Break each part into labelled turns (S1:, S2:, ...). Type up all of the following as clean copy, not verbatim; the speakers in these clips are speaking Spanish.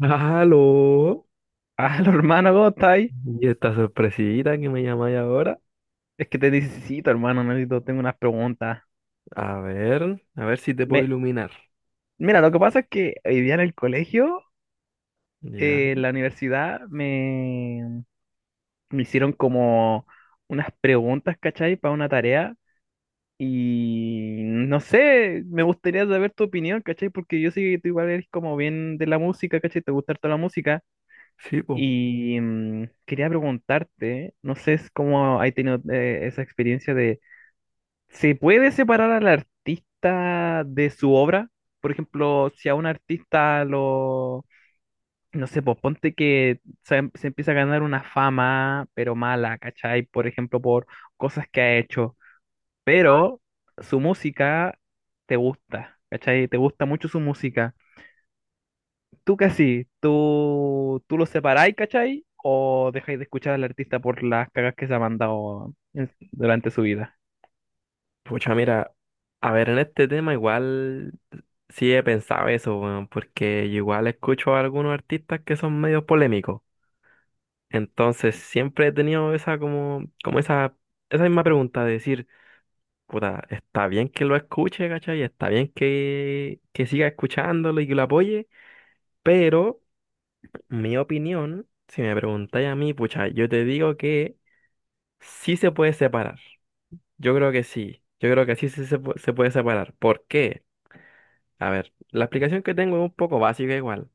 S1: Aló,
S2: Ah, hermano, ¿cómo está ahí?
S1: y esta sorpresita que me llamáis ahora.
S2: Es que te necesito, hermano, necesito, tengo unas preguntas.
S1: A ver si te puedo
S2: Me,
S1: iluminar.
S2: mira, lo que pasa es que hoy día en el colegio,
S1: Ya.
S2: en la universidad, me hicieron como unas preguntas, ¿cachai? Para una tarea. Y no sé, me gustaría saber tu opinión, ¿cachai? Porque yo sé que tú igual eres como bien de la música, ¿cachai? Te gusta toda la música.
S1: Sí, po.
S2: Y quería preguntarte, no sé es cómo has tenido esa experiencia. ¿Se puede separar al artista de su obra? Por ejemplo, si a un artista lo, no sé, pues ponte que se empieza a ganar una fama, pero mala, ¿cachai? Por ejemplo, por cosas que ha hecho, pero su música te gusta, ¿cachai? Te gusta mucho su música. ¿Tú qué así? ¿Tú lo separáis, ¿cachai? ¿O dejáis de escuchar al artista por las cagas que se ha mandado durante su vida?
S1: Pucha, mira, a ver, en este tema igual sí he pensado eso, weón, porque yo igual escucho a algunos artistas que son medio polémicos. Entonces siempre he tenido esa como esa, esa misma pregunta de decir, puta, está bien que lo escuche, ¿cachai? Está bien que siga escuchándolo y que lo apoye, pero. Mi opinión, si me preguntáis a mí, pucha, yo te digo que sí se puede separar. Yo creo que sí. Yo creo que sí, se puede separar. ¿Por qué? A ver, la explicación que tengo es un poco básica igual.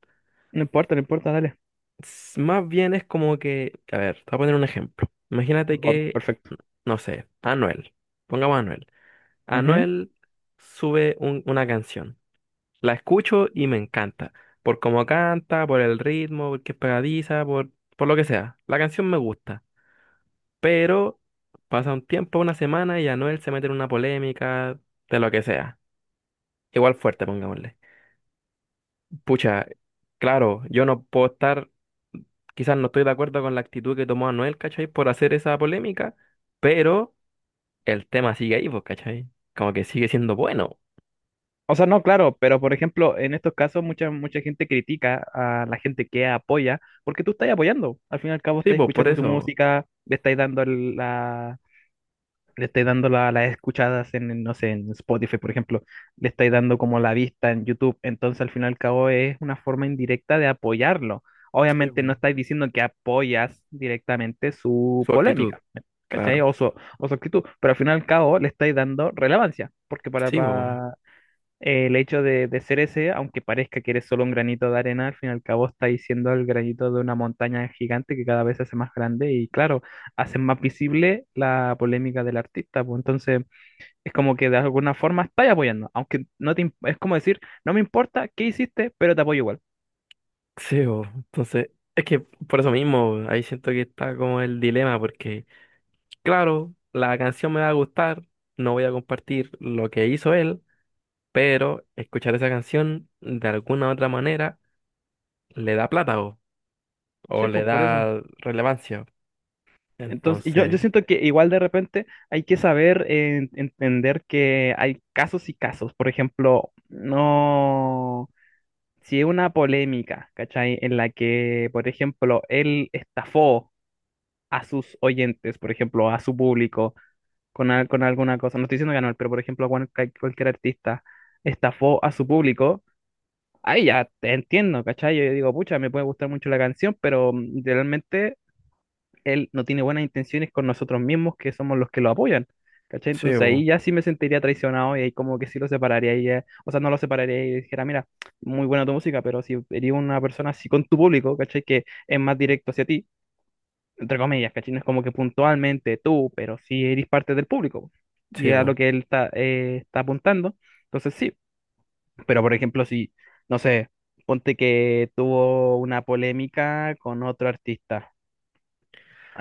S2: No importa, no importa, dale.
S1: Más bien es como que, a ver, te voy a poner un ejemplo. Imagínate
S2: Va,
S1: que,
S2: perfecto.
S1: no sé, Anuel. Pongamos a Anuel.
S2: Ujú.
S1: Anuel sube una canción. La escucho y me encanta. Por cómo canta, por el ritmo, porque es pegadiza, por lo que sea. La canción me gusta, pero pasa un tiempo, una semana, y ya Anuel se mete en una polémica de lo que sea. Igual fuerte, pongámosle. Pucha, claro, yo no puedo estar, quizás no estoy de acuerdo con la actitud que tomó Anuel, ¿cachai? Por hacer esa polémica, pero el tema sigue ahí, pues, ¿cachai? Como que sigue siendo bueno.
S2: O sea, no, claro, pero por ejemplo, en estos casos mucha gente critica a la gente que apoya, porque tú estás apoyando. Al fin y al cabo
S1: Sí,
S2: estás
S1: pues, por
S2: escuchando su
S1: eso.
S2: música, le estás dando le estás dando las escuchadas no sé, en Spotify, por ejemplo, le estás dando como la vista en YouTube. Entonces, al fin y al cabo es una forma indirecta de apoyarlo.
S1: Sí,
S2: Obviamente no
S1: po.
S2: estás diciendo que apoyas directamente su
S1: Su actitud,
S2: polémica, ¿cachai?
S1: claro.
S2: O su actitud, pero al fin y al cabo le estáis dando relevancia, porque para,
S1: Sí, pues.
S2: el hecho de ser ese, aunque parezca que eres solo un granito de arena, al fin y al cabo está siendo el granito de una montaña gigante que cada vez se hace más grande y claro, hacen más visible la polémica del artista, pues entonces es como que de alguna forma estás apoyando, aunque no te, es como decir, no me importa qué hiciste, pero te apoyo igual.
S1: Sí, po. Entonces, es que por eso mismo, ahí siento que está como el dilema, porque claro, la canción me va a gustar, no voy a compartir lo que hizo él, pero escuchar esa canción de alguna u otra manera le da plata bo,
S2: Sí,
S1: o le
S2: pues por eso.
S1: da relevancia.
S2: Entonces, yo
S1: Entonces,
S2: siento que igual de repente hay que saber entender que hay casos y casos. Por ejemplo, no. Si es una polémica, ¿cachai? En la que, por ejemplo, él estafó a sus oyentes, por ejemplo, a su público, con alguna cosa, no estoy diciendo que no, pero por ejemplo, cualquier artista estafó a su público, ahí ya te entiendo, ¿cachai? Yo digo, pucha, me puede gustar mucho la canción, pero realmente él no tiene buenas intenciones con nosotros mismos, que somos los que lo apoyan. ¿Cachai?
S1: sí,
S2: Entonces ahí
S1: bo,
S2: ya sí me sentiría traicionado y ahí como que sí lo separaría o sea, no lo separaría y dijera, mira, muy buena tu música, pero si eres una persona así con tu público, ¿cachai? Que es más directo hacia ti, entre comillas, ¿cachai? No es como que puntualmente tú, pero sí eres parte del público.
S1: sí,
S2: Y a lo
S1: bo.
S2: que él está, está apuntando. Entonces sí, pero por ejemplo, no sé, ponte que tuvo una polémica con otro artista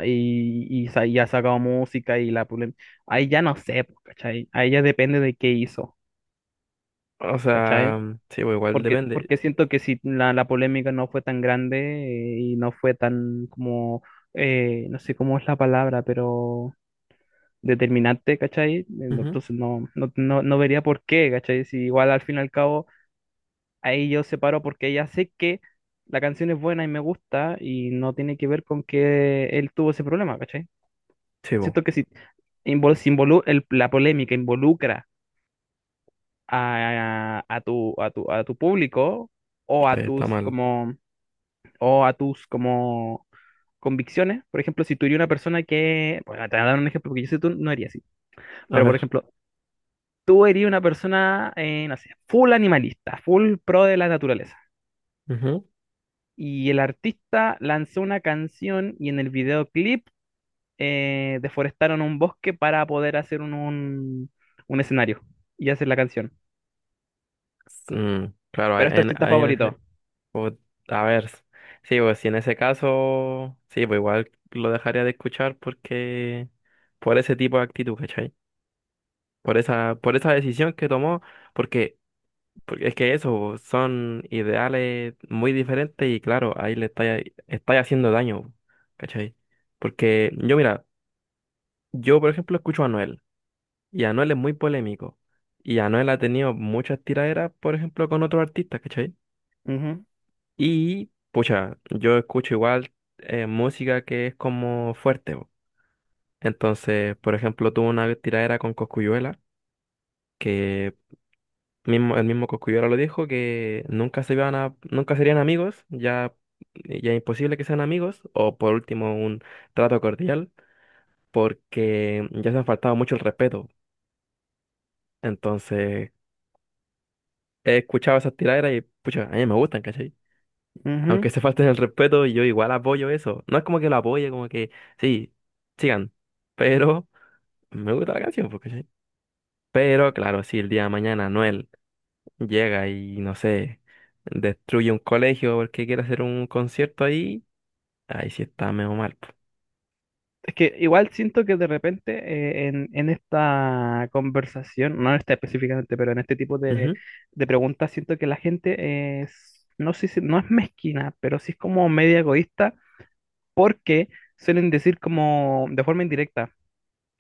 S2: y ha sacado música y ahí ya no sé, pues, ¿cachai? Ahí ya depende de qué hizo,
S1: O
S2: ¿cachai?
S1: sea, sí, bo, igual depende.
S2: Porque siento que si la polémica no fue tan grande y no fue tan como, no sé cómo es la palabra, pero determinante, ¿cachai?
S1: Ujú.
S2: Entonces no vería por qué, ¿cachai? Si igual al fin y al cabo ahí yo separo porque ya sé que la canción es buena y me gusta y no tiene que ver con que él tuvo ese problema, ¿cachai?
S1: Sí, bo,
S2: Siento que sí la polémica involucra a, a tu público o a
S1: ahí está
S2: tus
S1: mal.
S2: como o a tus como convicciones. Por ejemplo, si tú eres una persona que, bueno, te voy a dar un ejemplo porque yo sé que tú no harías así,
S1: A
S2: pero por
S1: ver.
S2: ejemplo, tú eres una persona, no sé, full animalista, full pro de la naturaleza.
S1: Ujú.
S2: Y el artista lanzó una canción y en el videoclip deforestaron un bosque para poder hacer un escenario y hacer la canción.
S1: Mm, claro, ahí
S2: Pero es tu
S1: en,
S2: artista
S1: ahí en
S2: favorito.
S1: ese... o- a ver, sí, pues si en ese caso, sí, pues igual lo dejaría de escuchar porque por ese tipo de actitud, ¿cachai? Por esa, por esa decisión que tomó, porque, porque es que eso son ideales muy diferentes y claro, ahí le está, está haciendo daño, ¿cachai? Porque yo, mira, yo por ejemplo escucho a Anuel y Anuel es muy polémico y Anuel ha tenido muchas tiraderas, por ejemplo, con otros artistas, ¿cachai?
S2: Ujú,
S1: Y, pucha, yo escucho igual música que es como fuerte, po. Entonces, por ejemplo, tuvo una tiradera con Coscuyuela que mismo, el mismo Coscuyola lo dijo que nunca se iban a, nunca serían amigos, ya, ya es imposible que sean amigos, o por último un trato cordial, porque ya se han faltado mucho el respeto. Entonces, he escuchado esas tiraderas y pucha, a mí me gustan, ¿cachai?
S2: ujú.
S1: Aunque se falten el respeto, yo igual apoyo eso. No es como que lo apoye, como que sí, sigan. Pero me gusta la canción, pues, ¿cachai? Pero claro, si el día de mañana Anuel llega y no sé, destruye un colegio porque quiere hacer un concierto ahí, ahí sí está medio mal, po.
S2: Es que igual siento que de repente en esta conversación, no en esta específicamente, pero en este tipo
S1: Ujú.
S2: de preguntas, siento que la gente es, no sé si, no es mezquina, pero sí es como media egoísta porque suelen decir como de forma indirecta.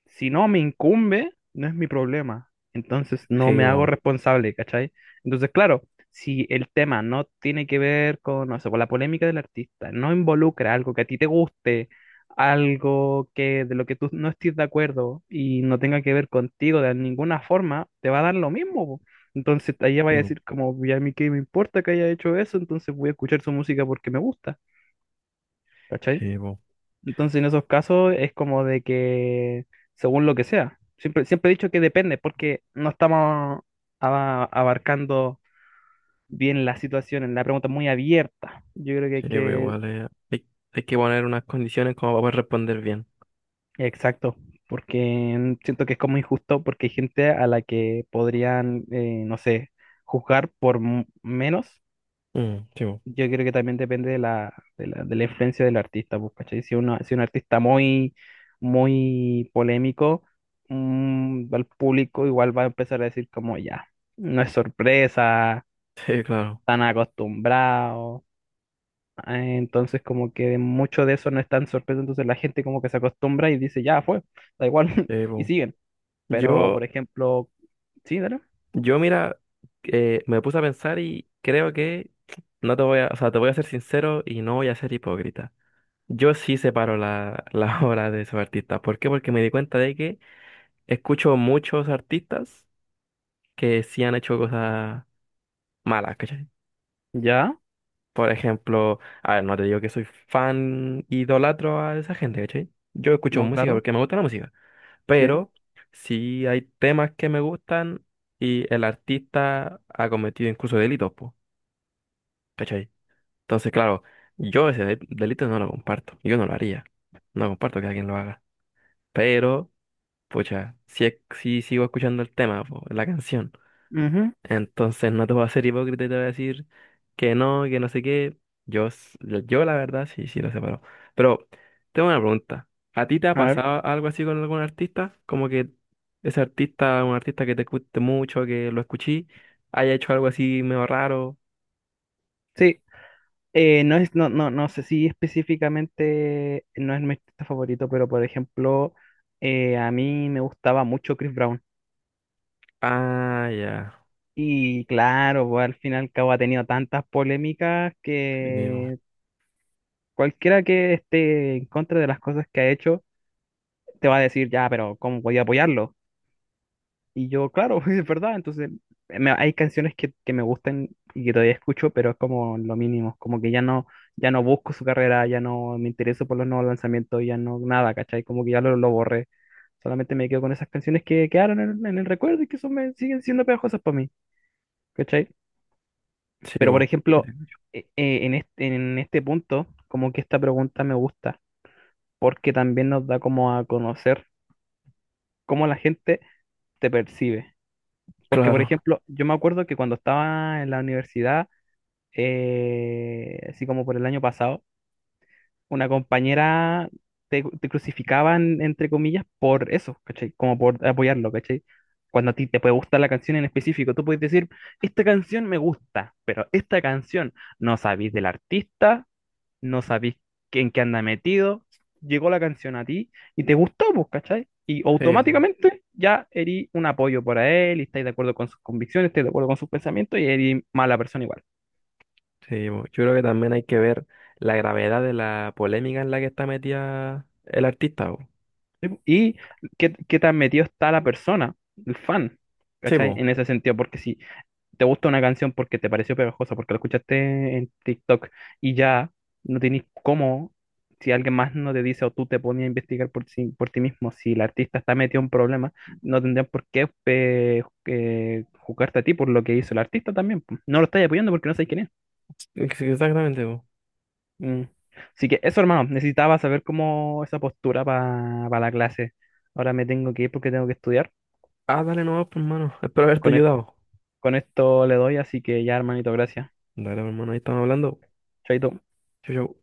S2: Si no me incumbe, no es mi problema. Entonces no
S1: Sí,
S2: me hago
S1: bo,
S2: responsable, ¿cachai? Entonces, claro, si el tema no tiene que ver con, no sé, con la polémica del artista, no involucra algo que a ti te guste, algo que de lo que tú no estés de acuerdo y no tenga que ver contigo de ninguna forma, te va a dar lo mismo. Po. Entonces, ahí va a
S1: sí, bo,
S2: decir como, ya a mí qué me importa que haya hecho eso, entonces voy a escuchar su música porque me gusta, ¿cachai?
S1: sí, bo,
S2: Entonces, en esos casos es como de que, según lo que sea, siempre he dicho que depende, porque no estamos abarcando bien la situación, la pregunta es muy abierta. Yo creo que hay
S1: sí, bo,
S2: que,
S1: igual hay que poner unas condiciones como para poder responder bien.
S2: exacto, porque siento que es como injusto, porque hay gente a la que podrían, no sé, juzgar por menos.
S1: Mm, sí, bo.
S2: Yo creo que también depende de de la influencia del artista, pues, ¿cachai? Si uno, si un artista muy polémico, al público igual va a empezar a decir como ya, no es sorpresa,
S1: Sí, claro,
S2: tan acostumbrado. Entonces como que mucho de eso no es tan sorpresa, entonces la gente como que se acostumbra y dice, ya fue, da igual,
S1: sí,
S2: y
S1: bo.
S2: siguen. Pero,
S1: Yo,
S2: por ejemplo, sí, dale.
S1: yo mira, me puse a pensar y creo que no te voy a, o sea, te voy a ser sincero y no voy a ser hipócrita. Yo sí separo la, la obra de esos artistas. ¿Por qué? Porque me di cuenta de que escucho muchos artistas que sí han hecho cosas malas, ¿cachai?
S2: Ya,
S1: Por ejemplo, a ver, no te digo que soy fan idolatro a esa gente, ¿cachai? Yo escucho
S2: no,
S1: música
S2: claro,
S1: porque me gusta la música,
S2: sí.
S1: pero sí hay temas que me gustan y el artista ha cometido incluso delitos, po, ¿cachai? Entonces, claro, yo ese delito no lo comparto, yo no lo haría, no comparto que alguien lo haga, pero, pucha, sí, sí sigo escuchando el tema, po, la canción.
S2: Ujú,
S1: Entonces no te voy a ser hipócrita y te voy a decir que no sé qué. Yo, s- yo la verdad, sí, sí lo separo. Pero tengo una pregunta. ¿A ti te ha
S2: a ver.
S1: pasado algo así con algún artista? Como que ese artista, un artista que te guste mucho, que lo escuché, haya hecho algo así medio raro.
S2: Sí, no sé si específicamente no es mi artista favorito, pero por ejemplo, a mí me gustaba mucho Chris Brown.
S1: Ah, ya.
S2: Y claro, pues, al fin y al cabo ha tenido tantas polémicas
S1: Sí, bo.
S2: que cualquiera que esté en contra de las cosas que ha hecho te va a decir, ya, pero ¿cómo voy a apoyarlo? Y yo, claro, es verdad, entonces hay canciones que me gustan y que todavía escucho, pero es como lo mínimo, como que ya no, ya no busco su carrera, ya no me intereso por los nuevos lanzamientos, ya no nada, ¿cachai? Como que lo borré, solamente me quedo con esas canciones que quedaron en el recuerdo y que son, me, siguen siendo pegajosas para mí, ¿cachai?
S1: Sí,
S2: Pero por
S1: bo. Sí,
S2: ejemplo,
S1: te escucho.
S2: en este punto, como que esta pregunta me gusta, porque también nos da como a conocer cómo la gente te percibe. Porque, por
S1: Claro,
S2: ejemplo, yo me acuerdo que cuando estaba en la universidad, así como por el año pasado, una compañera te crucificaban, entre comillas, por eso, ¿cachai? Como por apoyarlo, ¿cachai? Cuando a ti te puede gustar la canción en específico, tú puedes decir, esta canción me gusta, pero esta canción no sabéis del artista, no sabís en qué anda metido, llegó la canción a ti y te gustó, pues, ¿cachai? Y
S1: sí, bu,
S2: automáticamente ya erí un apoyo para él, y estáis de acuerdo con sus convicciones, estáis de acuerdo con sus pensamientos y erí mala persona igual.
S1: sí, bu. Yo creo que también hay que ver la gravedad de la polémica en la que está metida el artista, bu.
S2: ¿Sí? Pues, y qué, qué tan metido está la persona, el fan,
S1: Sí,
S2: ¿cachai?
S1: bu.
S2: En ese sentido, porque si te gusta una canción porque te pareció pegajosa, porque la escuchaste en TikTok y ya no tenés cómo, si alguien más no te dice o tú te pones a investigar por, por ti mismo, si el artista está metido en problemas, no tendrían por qué juzgarte a ti por lo que hizo el artista también. Po. No lo estás apoyando porque no sabes quién es.
S1: Exactamente.
S2: Mm. Así que eso, hermano, necesitaba saber cómo esa postura para la clase. Ahora me tengo que ir porque tengo que estudiar.
S1: Ah, dale nomás, pues, hermano. Espero haberte
S2: Con, es-
S1: ayudado.
S2: con esto le doy, así que ya, hermanito, gracias.
S1: Dale, pues, hermano, ahí estamos hablando.
S2: Chaito.
S1: Chau, chau.